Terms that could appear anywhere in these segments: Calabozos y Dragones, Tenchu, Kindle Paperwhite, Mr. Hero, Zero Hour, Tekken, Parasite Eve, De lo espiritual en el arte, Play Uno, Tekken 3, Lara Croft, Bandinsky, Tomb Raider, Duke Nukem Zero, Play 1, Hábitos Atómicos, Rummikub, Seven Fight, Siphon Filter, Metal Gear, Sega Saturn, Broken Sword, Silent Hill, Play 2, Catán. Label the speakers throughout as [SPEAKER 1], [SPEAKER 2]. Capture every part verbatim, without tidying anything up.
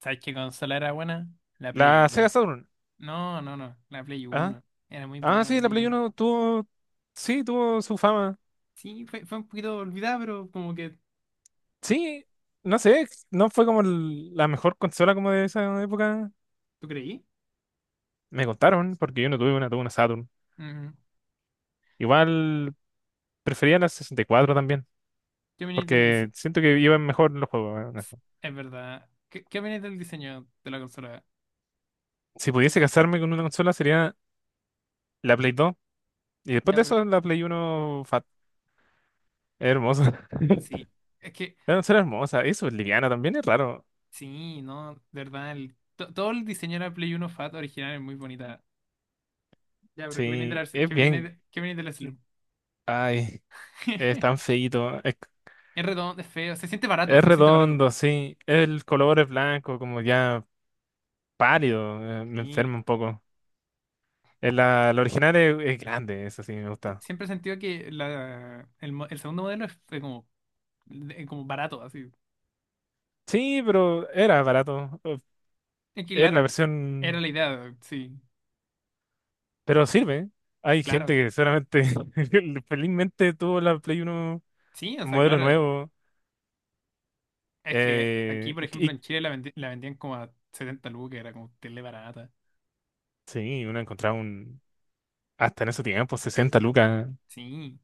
[SPEAKER 1] ¿Sabes qué consola era buena? La Play
[SPEAKER 2] La Sega
[SPEAKER 1] uno.
[SPEAKER 2] Saturn.
[SPEAKER 1] No, no, no, la Play
[SPEAKER 2] Ah,
[SPEAKER 1] uno. Era muy
[SPEAKER 2] ah,
[SPEAKER 1] buena la
[SPEAKER 2] sí, la
[SPEAKER 1] Play
[SPEAKER 2] Play
[SPEAKER 1] uno.
[SPEAKER 2] Uno tuvo, sí, tuvo su fama.
[SPEAKER 1] Sí, fue, fue un poquito olvidada, pero como que...
[SPEAKER 2] Sí, no sé, no fue como el- la mejor consola como de esa época.
[SPEAKER 1] ¿Tú creí?
[SPEAKER 2] Me contaron, porque yo no tuve una, tuve una Saturn.
[SPEAKER 1] Mm.
[SPEAKER 2] Igual prefería la sesenta y cuatro también,
[SPEAKER 1] ¿Qué opináis del
[SPEAKER 2] porque
[SPEAKER 1] diseño?
[SPEAKER 2] siento que iban mejor los juegos. eh, en eso.
[SPEAKER 1] Es verdad. ¿Qué, qué opináis del diseño de la consola?
[SPEAKER 2] Si pudiese casarme con una consola sería la Play dos. Y después
[SPEAKER 1] Ya,
[SPEAKER 2] de
[SPEAKER 1] pero-
[SPEAKER 2] eso la Play Uno fat. Es hermosa.
[SPEAKER 1] sí. Es que,
[SPEAKER 2] La consola es hermosa. Eso es liviana también, es raro.
[SPEAKER 1] sí, no, de verdad, el- to- todo el diseño de la Play uno Fat original es muy bonita. Ya, pero ¿qué opináis de
[SPEAKER 2] Sí,
[SPEAKER 1] la,
[SPEAKER 2] es
[SPEAKER 1] qué opináis de,
[SPEAKER 2] bien.
[SPEAKER 1] qué opináis de la Slim?
[SPEAKER 2] Ay. Es tan feíto.
[SPEAKER 1] Es redondo, es feo, se siente barato,
[SPEAKER 2] Es
[SPEAKER 1] se siente barato.
[SPEAKER 2] redondo, sí. El color es blanco, como ya pálido. eh, me
[SPEAKER 1] Sí.
[SPEAKER 2] enferma un poco. El, la, la original es, es grande, eso sí me gusta.
[SPEAKER 1] Siempre he sentido que la, el, mo- el segundo modelo fue como, de- como barato, así.
[SPEAKER 2] Sí, pero era barato. eh,
[SPEAKER 1] Es que,
[SPEAKER 2] Es la
[SPEAKER 1] claro, era
[SPEAKER 2] versión.
[SPEAKER 1] la idea, sí,
[SPEAKER 2] Pero sirve. Hay
[SPEAKER 1] claro.
[SPEAKER 2] gente que solamente felizmente tuvo la Play uno
[SPEAKER 1] Sí, o sea,
[SPEAKER 2] modelo
[SPEAKER 1] claro,
[SPEAKER 2] nuevo.
[SPEAKER 1] es que aquí,
[SPEAKER 2] eh,
[SPEAKER 1] por
[SPEAKER 2] y,
[SPEAKER 1] ejemplo,
[SPEAKER 2] y-
[SPEAKER 1] en Chile la, vendi- la vendían como a setenta lucas, era como tele barata.
[SPEAKER 2] sí, uno encontraba un. Hasta en ese tiempo, sesenta lucas.
[SPEAKER 1] Sí,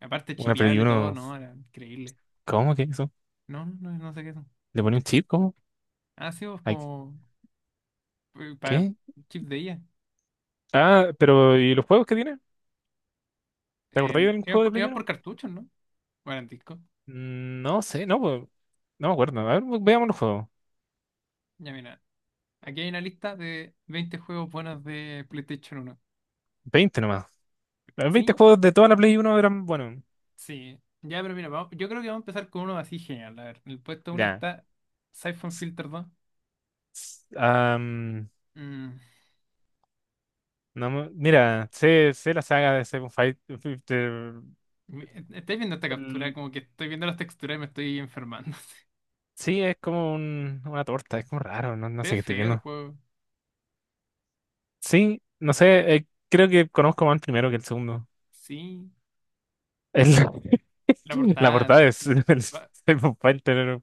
[SPEAKER 1] aparte
[SPEAKER 2] Una Play
[SPEAKER 1] chipeable todo,
[SPEAKER 2] uno.
[SPEAKER 1] ¿no? Era increíble.
[SPEAKER 2] ¿Cómo que eso?
[SPEAKER 1] No, no, no sé qué son.
[SPEAKER 2] ¿Le pone un chip? ¿Cómo?
[SPEAKER 1] Ah, sí, pues
[SPEAKER 2] Ay,
[SPEAKER 1] como eh, para
[SPEAKER 2] ¿qué?
[SPEAKER 1] chips de ella.
[SPEAKER 2] Ah, pero ¿y los juegos que tiene? ¿Te acordáis
[SPEAKER 1] En,
[SPEAKER 2] del
[SPEAKER 1] iban
[SPEAKER 2] juego de
[SPEAKER 1] por,
[SPEAKER 2] Play
[SPEAKER 1] iban
[SPEAKER 2] uno?
[SPEAKER 1] por cartuchos, ¿no? Bueno, en disco.
[SPEAKER 2] No sé, no, pues, no me acuerdo. A ver, veamos los juegos.
[SPEAKER 1] Ya mira, aquí hay una lista de veinte juegos buenos de PlayStation uno.
[SPEAKER 2] Veinte nomás. Los Veinte
[SPEAKER 1] Sí,
[SPEAKER 2] juegos de toda la Play uno eran, bueno,
[SPEAKER 1] sí, ya, pero mira, vamos- yo creo que vamos a empezar con uno así genial. A ver, el puesto uno
[SPEAKER 2] ya.
[SPEAKER 1] está Siphon Filter dos.
[SPEAKER 2] Am,
[SPEAKER 1] Mm,
[SPEAKER 2] no me- Mira, sé, sé la saga de Seven Fight. Fi- de-
[SPEAKER 1] me- ¿Estáis viendo esta captura?
[SPEAKER 2] el-
[SPEAKER 1] Como que estoy viendo las texturas y me estoy enfermando.
[SPEAKER 2] sí, es como un- una torta, es como raro, no, no
[SPEAKER 1] Se ve
[SPEAKER 2] sé qué estoy
[SPEAKER 1] feo el
[SPEAKER 2] viendo.
[SPEAKER 1] juego.
[SPEAKER 2] Sí, no sé, eh, creo que conozco más el primero que el segundo.
[SPEAKER 1] Sí,
[SPEAKER 2] El-
[SPEAKER 1] la
[SPEAKER 2] la
[SPEAKER 1] portada.
[SPEAKER 2] portada es el
[SPEAKER 1] va-
[SPEAKER 2] Seven Fighter,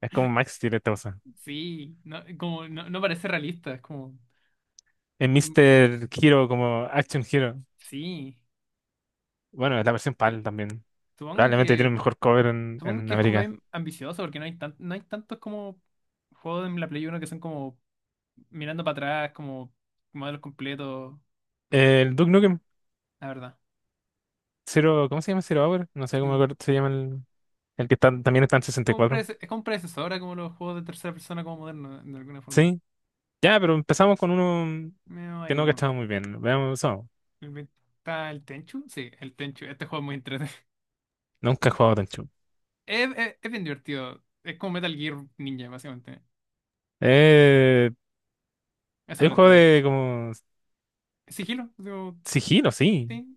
[SPEAKER 2] es como Max tiene esta cosa.
[SPEAKER 1] Sí, no, como, no, no parece realista, es como.
[SPEAKER 2] El
[SPEAKER 1] mm,
[SPEAKER 2] mister Hero, como Action Hero.
[SPEAKER 1] Sí,
[SPEAKER 2] Bueno, es la versión
[SPEAKER 1] pe-
[SPEAKER 2] P A L también.
[SPEAKER 1] supongo
[SPEAKER 2] Probablemente tiene
[SPEAKER 1] que,
[SPEAKER 2] un mejor cover en,
[SPEAKER 1] supongo
[SPEAKER 2] en
[SPEAKER 1] que es como
[SPEAKER 2] América.
[SPEAKER 1] bien ambicioso porque no hay, tan, no hay tantos como juegos en la Play Uno que son como mirando para atrás, como modelos completos,
[SPEAKER 2] El Duke Nukem
[SPEAKER 1] la verdad.
[SPEAKER 2] Zero, ¿cómo se llama? Zero Hour. No sé cómo
[SPEAKER 1] Sí.
[SPEAKER 2] acuer- se llama el, el que está, también está en sesenta y
[SPEAKER 1] Como un
[SPEAKER 2] cuatro
[SPEAKER 1] prece- es como un predecesor a como los juegos de tercera persona como moderno, de alguna forma.
[SPEAKER 2] Sí, ya, pero empezamos con uno
[SPEAKER 1] Medio
[SPEAKER 2] que
[SPEAKER 1] ahí
[SPEAKER 2] no
[SPEAKER 1] nomás.
[SPEAKER 2] estaba muy bien. Veamos, eso.
[SPEAKER 1] El- ¿Está el Tenchu? Sí, el Tenchu. Este juego es muy entretenido.
[SPEAKER 2] Nunca he jugado Tenchu.
[SPEAKER 1] Es, es- es bien divertido. Es como Metal Gear Ninja, básicamente.
[SPEAKER 2] Eh,
[SPEAKER 1] Es
[SPEAKER 2] es
[SPEAKER 1] súper
[SPEAKER 2] un juego
[SPEAKER 1] entretenido.
[SPEAKER 2] de como
[SPEAKER 1] Sigilo, digo,
[SPEAKER 2] sigilo, sí.
[SPEAKER 1] sí.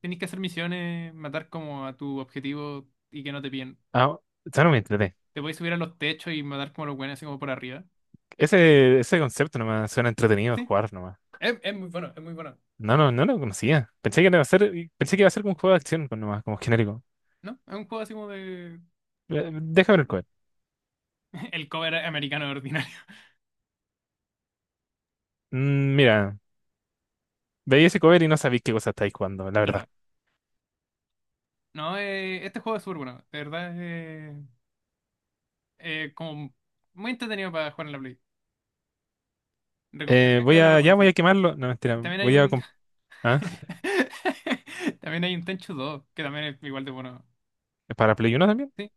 [SPEAKER 1] Tenéis que hacer misiones, matar como a tu objetivo y que no te pillen.
[SPEAKER 2] Ah, ya no me entreté.
[SPEAKER 1] Te podéis subir a los techos y matar como a los buenos así como por arriba.
[SPEAKER 2] Ese, ese concepto nomás suena entretenido de
[SPEAKER 1] Sí.
[SPEAKER 2] jugar nomás.
[SPEAKER 1] Es, es muy bueno, es muy bueno.
[SPEAKER 2] No, no, no lo conocía. Pensé que iba a ser, pensé que iba a ser como un juego de acción pues, nomás, como genérico.
[SPEAKER 1] ¿No? Es un juego así como de...
[SPEAKER 2] Eh, Déjame ver el cover.
[SPEAKER 1] El cover americano ordinario.
[SPEAKER 2] Mm, Mira, veía ese cover y no sabía qué cosa estáis jugando, la verdad.
[SPEAKER 1] Claro. No, eh, este juego es súper bueno. De verdad, eh, eh, como muy entretenido para jugar en la Play. Recom- eh,
[SPEAKER 2] Eh,
[SPEAKER 1] eh,
[SPEAKER 2] voy
[SPEAKER 1] es una
[SPEAKER 2] a, ya voy a
[SPEAKER 1] recomendación.
[SPEAKER 2] quemarlo. No,
[SPEAKER 1] Ta-
[SPEAKER 2] mentira,
[SPEAKER 1] También hay
[SPEAKER 2] voy a...
[SPEAKER 1] un.
[SPEAKER 2] comp- ¿Ah?
[SPEAKER 1] También hay un Tenchu dos que también es igual de bueno.
[SPEAKER 2] ¿Para Play uno también?
[SPEAKER 1] Sí.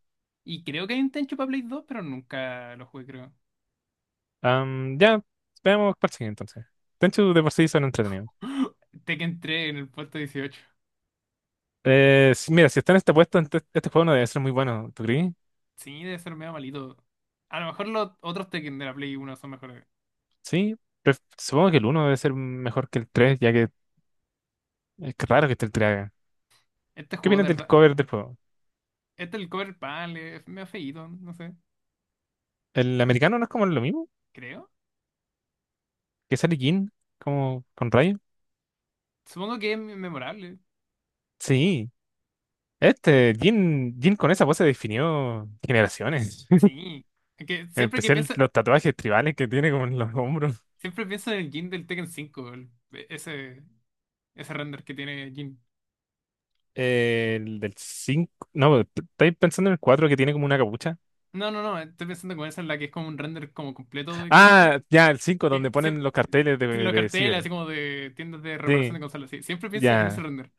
[SPEAKER 1] Y creo que hay un Tenchu para Play dos pero nunca lo jugué, creo.
[SPEAKER 2] Am, ya, veamos cuál sigue entonces. Tenchu de por sí son entretenidos.
[SPEAKER 1] Tekken tres en el puesto dieciocho.
[SPEAKER 2] Eh, sí, mira, si está en esta puesta, ent- este juego no debe ser muy bueno, ¿tú crees?
[SPEAKER 1] Sí, debe ser medio malito. A lo mejor los otros Tekken de la Play uno son mejores.
[SPEAKER 2] Sí, pref- supongo que el uno debe ser mejor que el tres, ya que es que raro que esté el tres. acá.
[SPEAKER 1] Este
[SPEAKER 2] ¿Qué
[SPEAKER 1] juego,
[SPEAKER 2] opinas
[SPEAKER 1] de
[SPEAKER 2] del
[SPEAKER 1] verdad.
[SPEAKER 2] cover del juego?
[SPEAKER 1] Este, el Cover Pal, es medio feíto, no sé.
[SPEAKER 2] ¿El americano no es como lo mismo?
[SPEAKER 1] Creo.
[SPEAKER 2] ¿Que sale Jin? ¿Como con rayo?
[SPEAKER 1] Supongo que es memorable.
[SPEAKER 2] Sí. Este, Jin, Jin con esa pose definió generaciones.
[SPEAKER 1] Sí, es que
[SPEAKER 2] En
[SPEAKER 1] siempre que
[SPEAKER 2] especial
[SPEAKER 1] pienso,
[SPEAKER 2] los tatuajes tribales que tiene como en los hombros.
[SPEAKER 1] siempre pienso en el Jin del Tekken cinco, el- ese, ese render que tiene Jin.
[SPEAKER 2] Eh, el del cinco. No, p- estáis pensando en el cuatro que tiene como una capucha.
[SPEAKER 1] No, no, no, estoy pensando con esa en la que es como un render como completo de cuerpo.
[SPEAKER 2] Ah, ya, el cinco donde
[SPEAKER 1] Que
[SPEAKER 2] ponen
[SPEAKER 1] siempre,
[SPEAKER 2] los carteles de,
[SPEAKER 1] los
[SPEAKER 2] de
[SPEAKER 1] carteles
[SPEAKER 2] Ciber.
[SPEAKER 1] así como de tiendas de reparación
[SPEAKER 2] Sí,
[SPEAKER 1] de consolas, sí, siempre pienso en ese
[SPEAKER 2] ya.
[SPEAKER 1] render.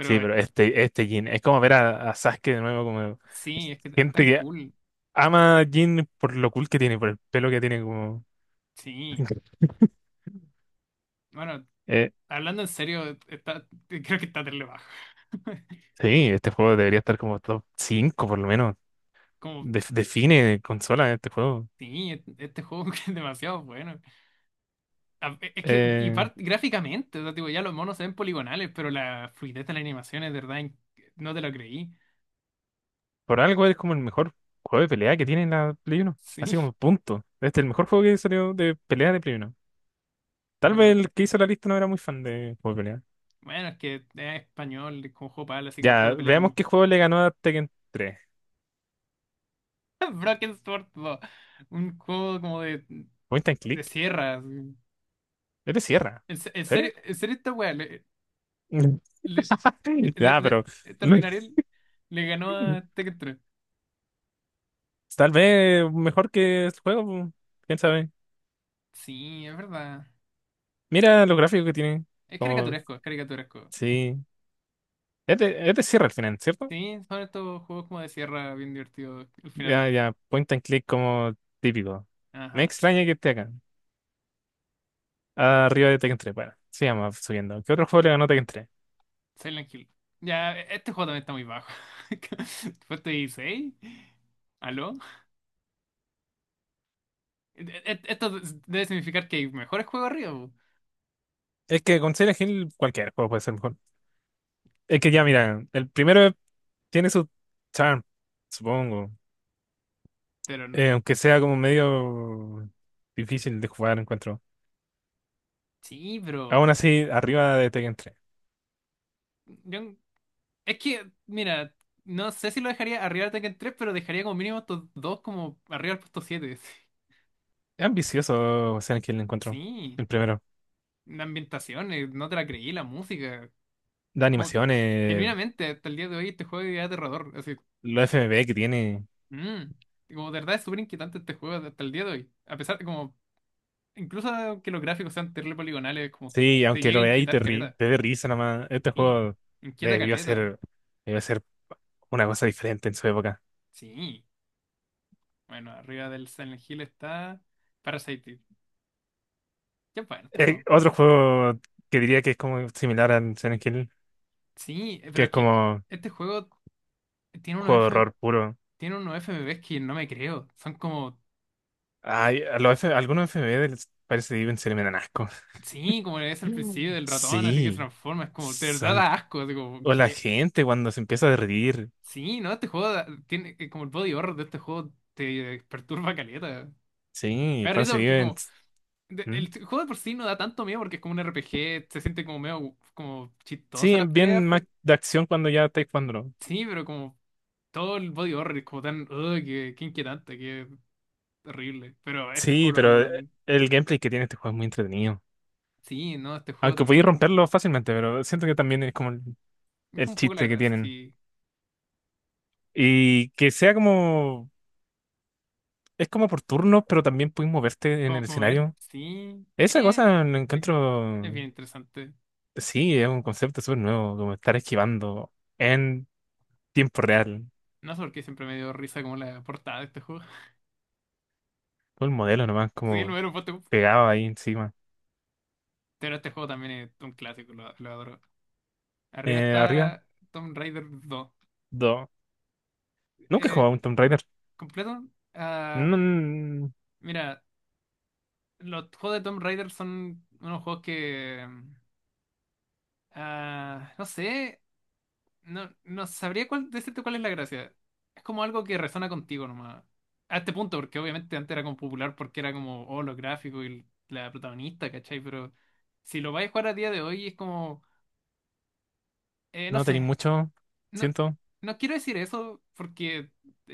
[SPEAKER 2] Sí,
[SPEAKER 1] eh,
[SPEAKER 2] pero este, este Jin. Es como ver a, a Sasuke de nuevo, como
[SPEAKER 1] sí, es que es
[SPEAKER 2] gente
[SPEAKER 1] tan
[SPEAKER 2] que
[SPEAKER 1] cool.
[SPEAKER 2] ama a Jin por lo cool que tiene, por el pelo que tiene, como.
[SPEAKER 1] Sí. Bueno,
[SPEAKER 2] Eh,
[SPEAKER 1] hablando en serio, está, creo que está terrible bajo.
[SPEAKER 2] sí, este juego debería estar como top cinco por lo menos.
[SPEAKER 1] Como,
[SPEAKER 2] Def- define consola este juego.
[SPEAKER 1] sí, e, este juego es demasiado bueno. a- Es que, y
[SPEAKER 2] Eh,
[SPEAKER 1] par- gráficamente, o sea, tipo, ya los monos se ven poligonales, pero la fluidez de la animación es de verdad, in- no te lo creí.
[SPEAKER 2] por algo es como el mejor juego de pelea que tiene la Play Uno. Así
[SPEAKER 1] Sí,
[SPEAKER 2] como punto. Este es el mejor juego que salió de pelea de Play Uno. Tal vez
[SPEAKER 1] bueno,
[SPEAKER 2] el que hizo la lista no era muy fan de juego de pelea.
[SPEAKER 1] bueno, es que es español, es como juego para así que los
[SPEAKER 2] Ya,
[SPEAKER 1] juegos de pelea.
[SPEAKER 2] veamos
[SPEAKER 1] nunca-
[SPEAKER 2] qué juego le ganó a Tekken tres.
[SPEAKER 1] Broken Sword dos, un juego como de,
[SPEAKER 2] Point and
[SPEAKER 1] de
[SPEAKER 2] click.
[SPEAKER 1] sierras.
[SPEAKER 2] Este cierra.
[SPEAKER 1] En, se- en
[SPEAKER 2] ¿Serio?
[SPEAKER 1] serio, en serio, esta weá, le, le- le- de-
[SPEAKER 2] Ya,
[SPEAKER 1] de-
[SPEAKER 2] pero no-
[SPEAKER 1] extraordinario,
[SPEAKER 2] es-
[SPEAKER 1] le ganó a Tekken tres.
[SPEAKER 2] tal vez mejor que el juego, pu, quién sabe.
[SPEAKER 1] Sí, es verdad.
[SPEAKER 2] Mira los gráficos que tiene.
[SPEAKER 1] Es
[SPEAKER 2] Como,
[SPEAKER 1] caricaturesco, es caricaturesco.
[SPEAKER 2] sí. Este, este cierra al final, ¿cierto?
[SPEAKER 1] Sí, son estos juegos como de sierra bien divertidos al final.
[SPEAKER 2] Ya, ya, point and click como típico. Me
[SPEAKER 1] Ajá.
[SPEAKER 2] extraña que esté acá. Arriba de Tekken tres, bueno, sigamos subiendo. ¿Qué otro juego le ganó Tekken tres?
[SPEAKER 1] Silent Hill. Ya, este juego también está muy bajo. Puesto dieciséis. ¿Aló? E- e- Esto debe significar que hay mejores juegos arriba, po.
[SPEAKER 2] Es que con Silent Hill cualquier juego puede ser mejor. Es que ya, mira, el primero tiene su charm, supongo.
[SPEAKER 1] Pero
[SPEAKER 2] Eh, aunque sea como medio difícil de jugar, encuentro.
[SPEAKER 1] sí, pero
[SPEAKER 2] Aún así, arriba de Tekken tres.
[SPEAKER 1] yo, es que, mira, no sé si lo dejaría arriba de Tekken tres, pero dejaría como mínimo estos dos como arriba del puesto siete.
[SPEAKER 2] Es ambicioso Silent Hill, encuentro.
[SPEAKER 1] Sí,
[SPEAKER 2] El primero.
[SPEAKER 1] la ambientación, eh, no te la creí, la música.
[SPEAKER 2] Las
[SPEAKER 1] Como que,
[SPEAKER 2] animaciones,
[SPEAKER 1] genuinamente, hasta el día de hoy este juego es aterrador. Así,
[SPEAKER 2] los F M V que tiene.
[SPEAKER 1] mm. Como de verdad es súper inquietante este juego hasta el día de hoy. A pesar de como, incluso que los gráficos sean terrible poligonales, como
[SPEAKER 2] Sí,
[SPEAKER 1] te
[SPEAKER 2] aunque
[SPEAKER 1] llega
[SPEAKER 2] lo
[SPEAKER 1] a
[SPEAKER 2] veáis y te,
[SPEAKER 1] inquietar
[SPEAKER 2] ri-
[SPEAKER 1] caleta.
[SPEAKER 2] te dé risa nomás, este
[SPEAKER 1] Sí,
[SPEAKER 2] juego
[SPEAKER 1] inquieta
[SPEAKER 2] debió
[SPEAKER 1] caleta.
[SPEAKER 2] ser, debió ser una cosa diferente en su época.
[SPEAKER 1] Sí. Bueno, arriba del Silent Hill está Parasite Eve. Qué bueno este
[SPEAKER 2] Eh,
[SPEAKER 1] juego.
[SPEAKER 2] otro juego que diría que es como similar a Silent Hill,
[SPEAKER 1] Sí, eh,
[SPEAKER 2] que
[SPEAKER 1] pero
[SPEAKER 2] es
[SPEAKER 1] es que
[SPEAKER 2] como
[SPEAKER 1] este juego tiene unos
[SPEAKER 2] juego de
[SPEAKER 1] F...
[SPEAKER 2] horror puro.
[SPEAKER 1] tiene unos F M Vs que no me creo. Son como,
[SPEAKER 2] Ay, a los F- algunos F M V les parece que viven se le me dan asco.
[SPEAKER 1] sí, como le ves al principio
[SPEAKER 2] Mm.
[SPEAKER 1] del ratón, así que se
[SPEAKER 2] Sí,
[SPEAKER 1] transforma. Es como, de verdad
[SPEAKER 2] son...
[SPEAKER 1] da asco, así como
[SPEAKER 2] O la
[SPEAKER 1] que...
[SPEAKER 2] gente cuando se empieza a reír.
[SPEAKER 1] Sí, no, este juego da- tiene eh, como el body horror de este juego te perturba caleta.
[SPEAKER 2] Sí,
[SPEAKER 1] Me da risa
[SPEAKER 2] parece que
[SPEAKER 1] porque
[SPEAKER 2] viven...
[SPEAKER 1] como de-
[SPEAKER 2] ¿Mm?
[SPEAKER 1] el juego de por sí no da tanto miedo porque es como un R P G, se siente como medio como chistosa
[SPEAKER 2] Sí,
[SPEAKER 1] las peleas.
[SPEAKER 2] bien más
[SPEAKER 1] pe-
[SPEAKER 2] de acción cuando ya estáis jugando.
[SPEAKER 1] Sí, pero como todo el body horror es como tan, "Ugh, que, que inquietante, que horrible. Pero este
[SPEAKER 2] Sí,
[SPEAKER 1] juego lo amo
[SPEAKER 2] pero eh,
[SPEAKER 1] también.
[SPEAKER 2] el gameplay que tiene este juego es muy entretenido.
[SPEAKER 1] Sí, no, este juego
[SPEAKER 2] Aunque
[SPEAKER 1] también
[SPEAKER 2] podéis
[SPEAKER 1] es súper bueno.
[SPEAKER 2] romperlo fácilmente, pero siento que también es como el,
[SPEAKER 1] Es
[SPEAKER 2] el
[SPEAKER 1] como un poco la
[SPEAKER 2] chiste que
[SPEAKER 1] gracia,
[SPEAKER 2] tienen.
[SPEAKER 1] sí.
[SPEAKER 2] Y que sea como... Es como por turnos, pero también puedes moverte en el
[SPEAKER 1] Mo- Mover,
[SPEAKER 2] escenario.
[SPEAKER 1] sí.
[SPEAKER 2] Esa
[SPEAKER 1] Eh,
[SPEAKER 2] cosa lo
[SPEAKER 1] eh, es
[SPEAKER 2] encuentro...
[SPEAKER 1] bien interesante.
[SPEAKER 2] Sí, es un concepto súper nuevo, como estar esquivando en tiempo real.
[SPEAKER 1] No sé por qué siempre me dio risa como la portada de este juego.
[SPEAKER 2] Todo el modelo nomás,
[SPEAKER 1] Sí, lo
[SPEAKER 2] como
[SPEAKER 1] era un poste.
[SPEAKER 2] pegado ahí encima.
[SPEAKER 1] Pero este juego también es un clásico, lo, lo adoro. Arriba
[SPEAKER 2] Eh, arriba,
[SPEAKER 1] está Tomb Raider dos.
[SPEAKER 2] dos. Nunca he
[SPEAKER 1] Eh,
[SPEAKER 2] jugado a un Tomb Raider.
[SPEAKER 1] Completo. Ah,
[SPEAKER 2] No,
[SPEAKER 1] mira, los juegos de Tomb Raider son unos juegos que. Mm, ah, no sé. No, no sabría cuál, decirte cuál es la gracia. Es como algo que resona contigo nomás. A este punto, porque obviamente antes era como popular porque era como, oh, los gráficos y la protagonista, ¿cachai? Pero si lo vais a jugar a día de hoy es como, eh, no
[SPEAKER 2] no tenéis
[SPEAKER 1] sé.
[SPEAKER 2] mucho,
[SPEAKER 1] No,
[SPEAKER 2] siento.
[SPEAKER 1] no quiero decir eso porque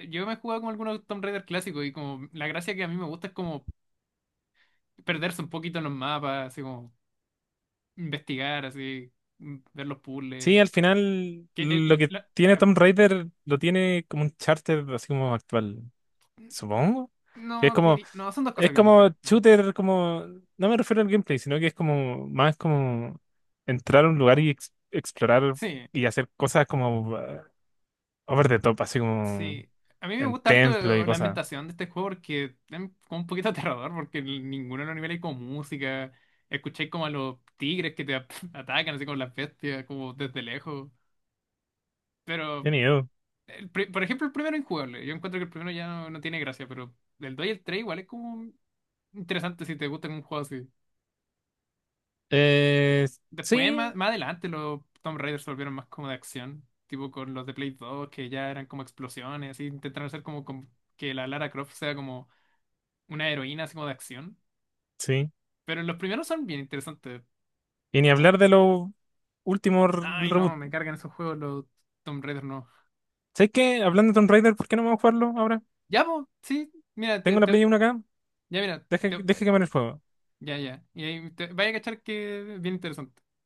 [SPEAKER 1] yo me he jugado con algunos Tomb Raider clásicos y como la gracia que a mí me gusta es como perderse un poquito en los mapas, así como investigar, así, mm, ver los
[SPEAKER 2] Sí,
[SPEAKER 1] puzzles.
[SPEAKER 2] al final
[SPEAKER 1] Que
[SPEAKER 2] lo
[SPEAKER 1] el-
[SPEAKER 2] que
[SPEAKER 1] la-
[SPEAKER 2] tiene
[SPEAKER 1] eh,
[SPEAKER 2] Tomb Raider lo tiene como un charter así como actual, supongo. Que es
[SPEAKER 1] no,
[SPEAKER 2] como,
[SPEAKER 1] diri- no, son dos
[SPEAKER 2] es
[SPEAKER 1] cosas bien
[SPEAKER 2] como
[SPEAKER 1] diferentes.
[SPEAKER 2] shooter, como, no me refiero al gameplay, sino que es como, más como entrar a un lugar y ex- explorar
[SPEAKER 1] Sí,
[SPEAKER 2] y hacer cosas como eh, over the top, así como
[SPEAKER 1] sí. A mí me
[SPEAKER 2] en
[SPEAKER 1] gusta harto
[SPEAKER 2] templo y
[SPEAKER 1] eh, la
[SPEAKER 2] cosas.
[SPEAKER 1] ambientación de este juego porque es como un poquito aterrador, porque en ninguno de los niveles hay como música. Escuché como a los tigres que te ap- atacan, así como las bestias, como desde lejos.
[SPEAKER 2] Qué
[SPEAKER 1] Pero,
[SPEAKER 2] miedo.
[SPEAKER 1] el pri- por ejemplo, el primero es injugable. Yo encuentro que el primero ya no, no tiene gracia, pero el dos y el tres igual es como interesante si te gusta un juego así.
[SPEAKER 2] Eh,
[SPEAKER 1] Después,
[SPEAKER 2] sí,
[SPEAKER 1] más, más adelante, los Tomb Raiders se volvieron más como de acción, tipo con los de Play dos, que ya eran como explosiones, y intentaron hacer como, con- que la Lara Croft sea como una heroína, así como de acción.
[SPEAKER 2] sí.
[SPEAKER 1] Pero los primeros son bien interesantes,
[SPEAKER 2] Y ni
[SPEAKER 1] como,
[SPEAKER 2] hablar de los últimos r-
[SPEAKER 1] ay
[SPEAKER 2] reboot.
[SPEAKER 1] no, me cargan esos juegos, los Tomb Raiders no.
[SPEAKER 2] ¿Sabes qué? Hablando de Tomb Raider, ¿por qué no vamos a jugarlo ahora?
[SPEAKER 1] Ya, pues, sí, mira, te,
[SPEAKER 2] Tengo la
[SPEAKER 1] te-
[SPEAKER 2] Play uno acá.
[SPEAKER 1] ya, mira,
[SPEAKER 2] Deje,
[SPEAKER 1] te-
[SPEAKER 2] deje quemar el fuego.
[SPEAKER 1] ya, ya, y ahí te- vaya a cachar que es bien interesante.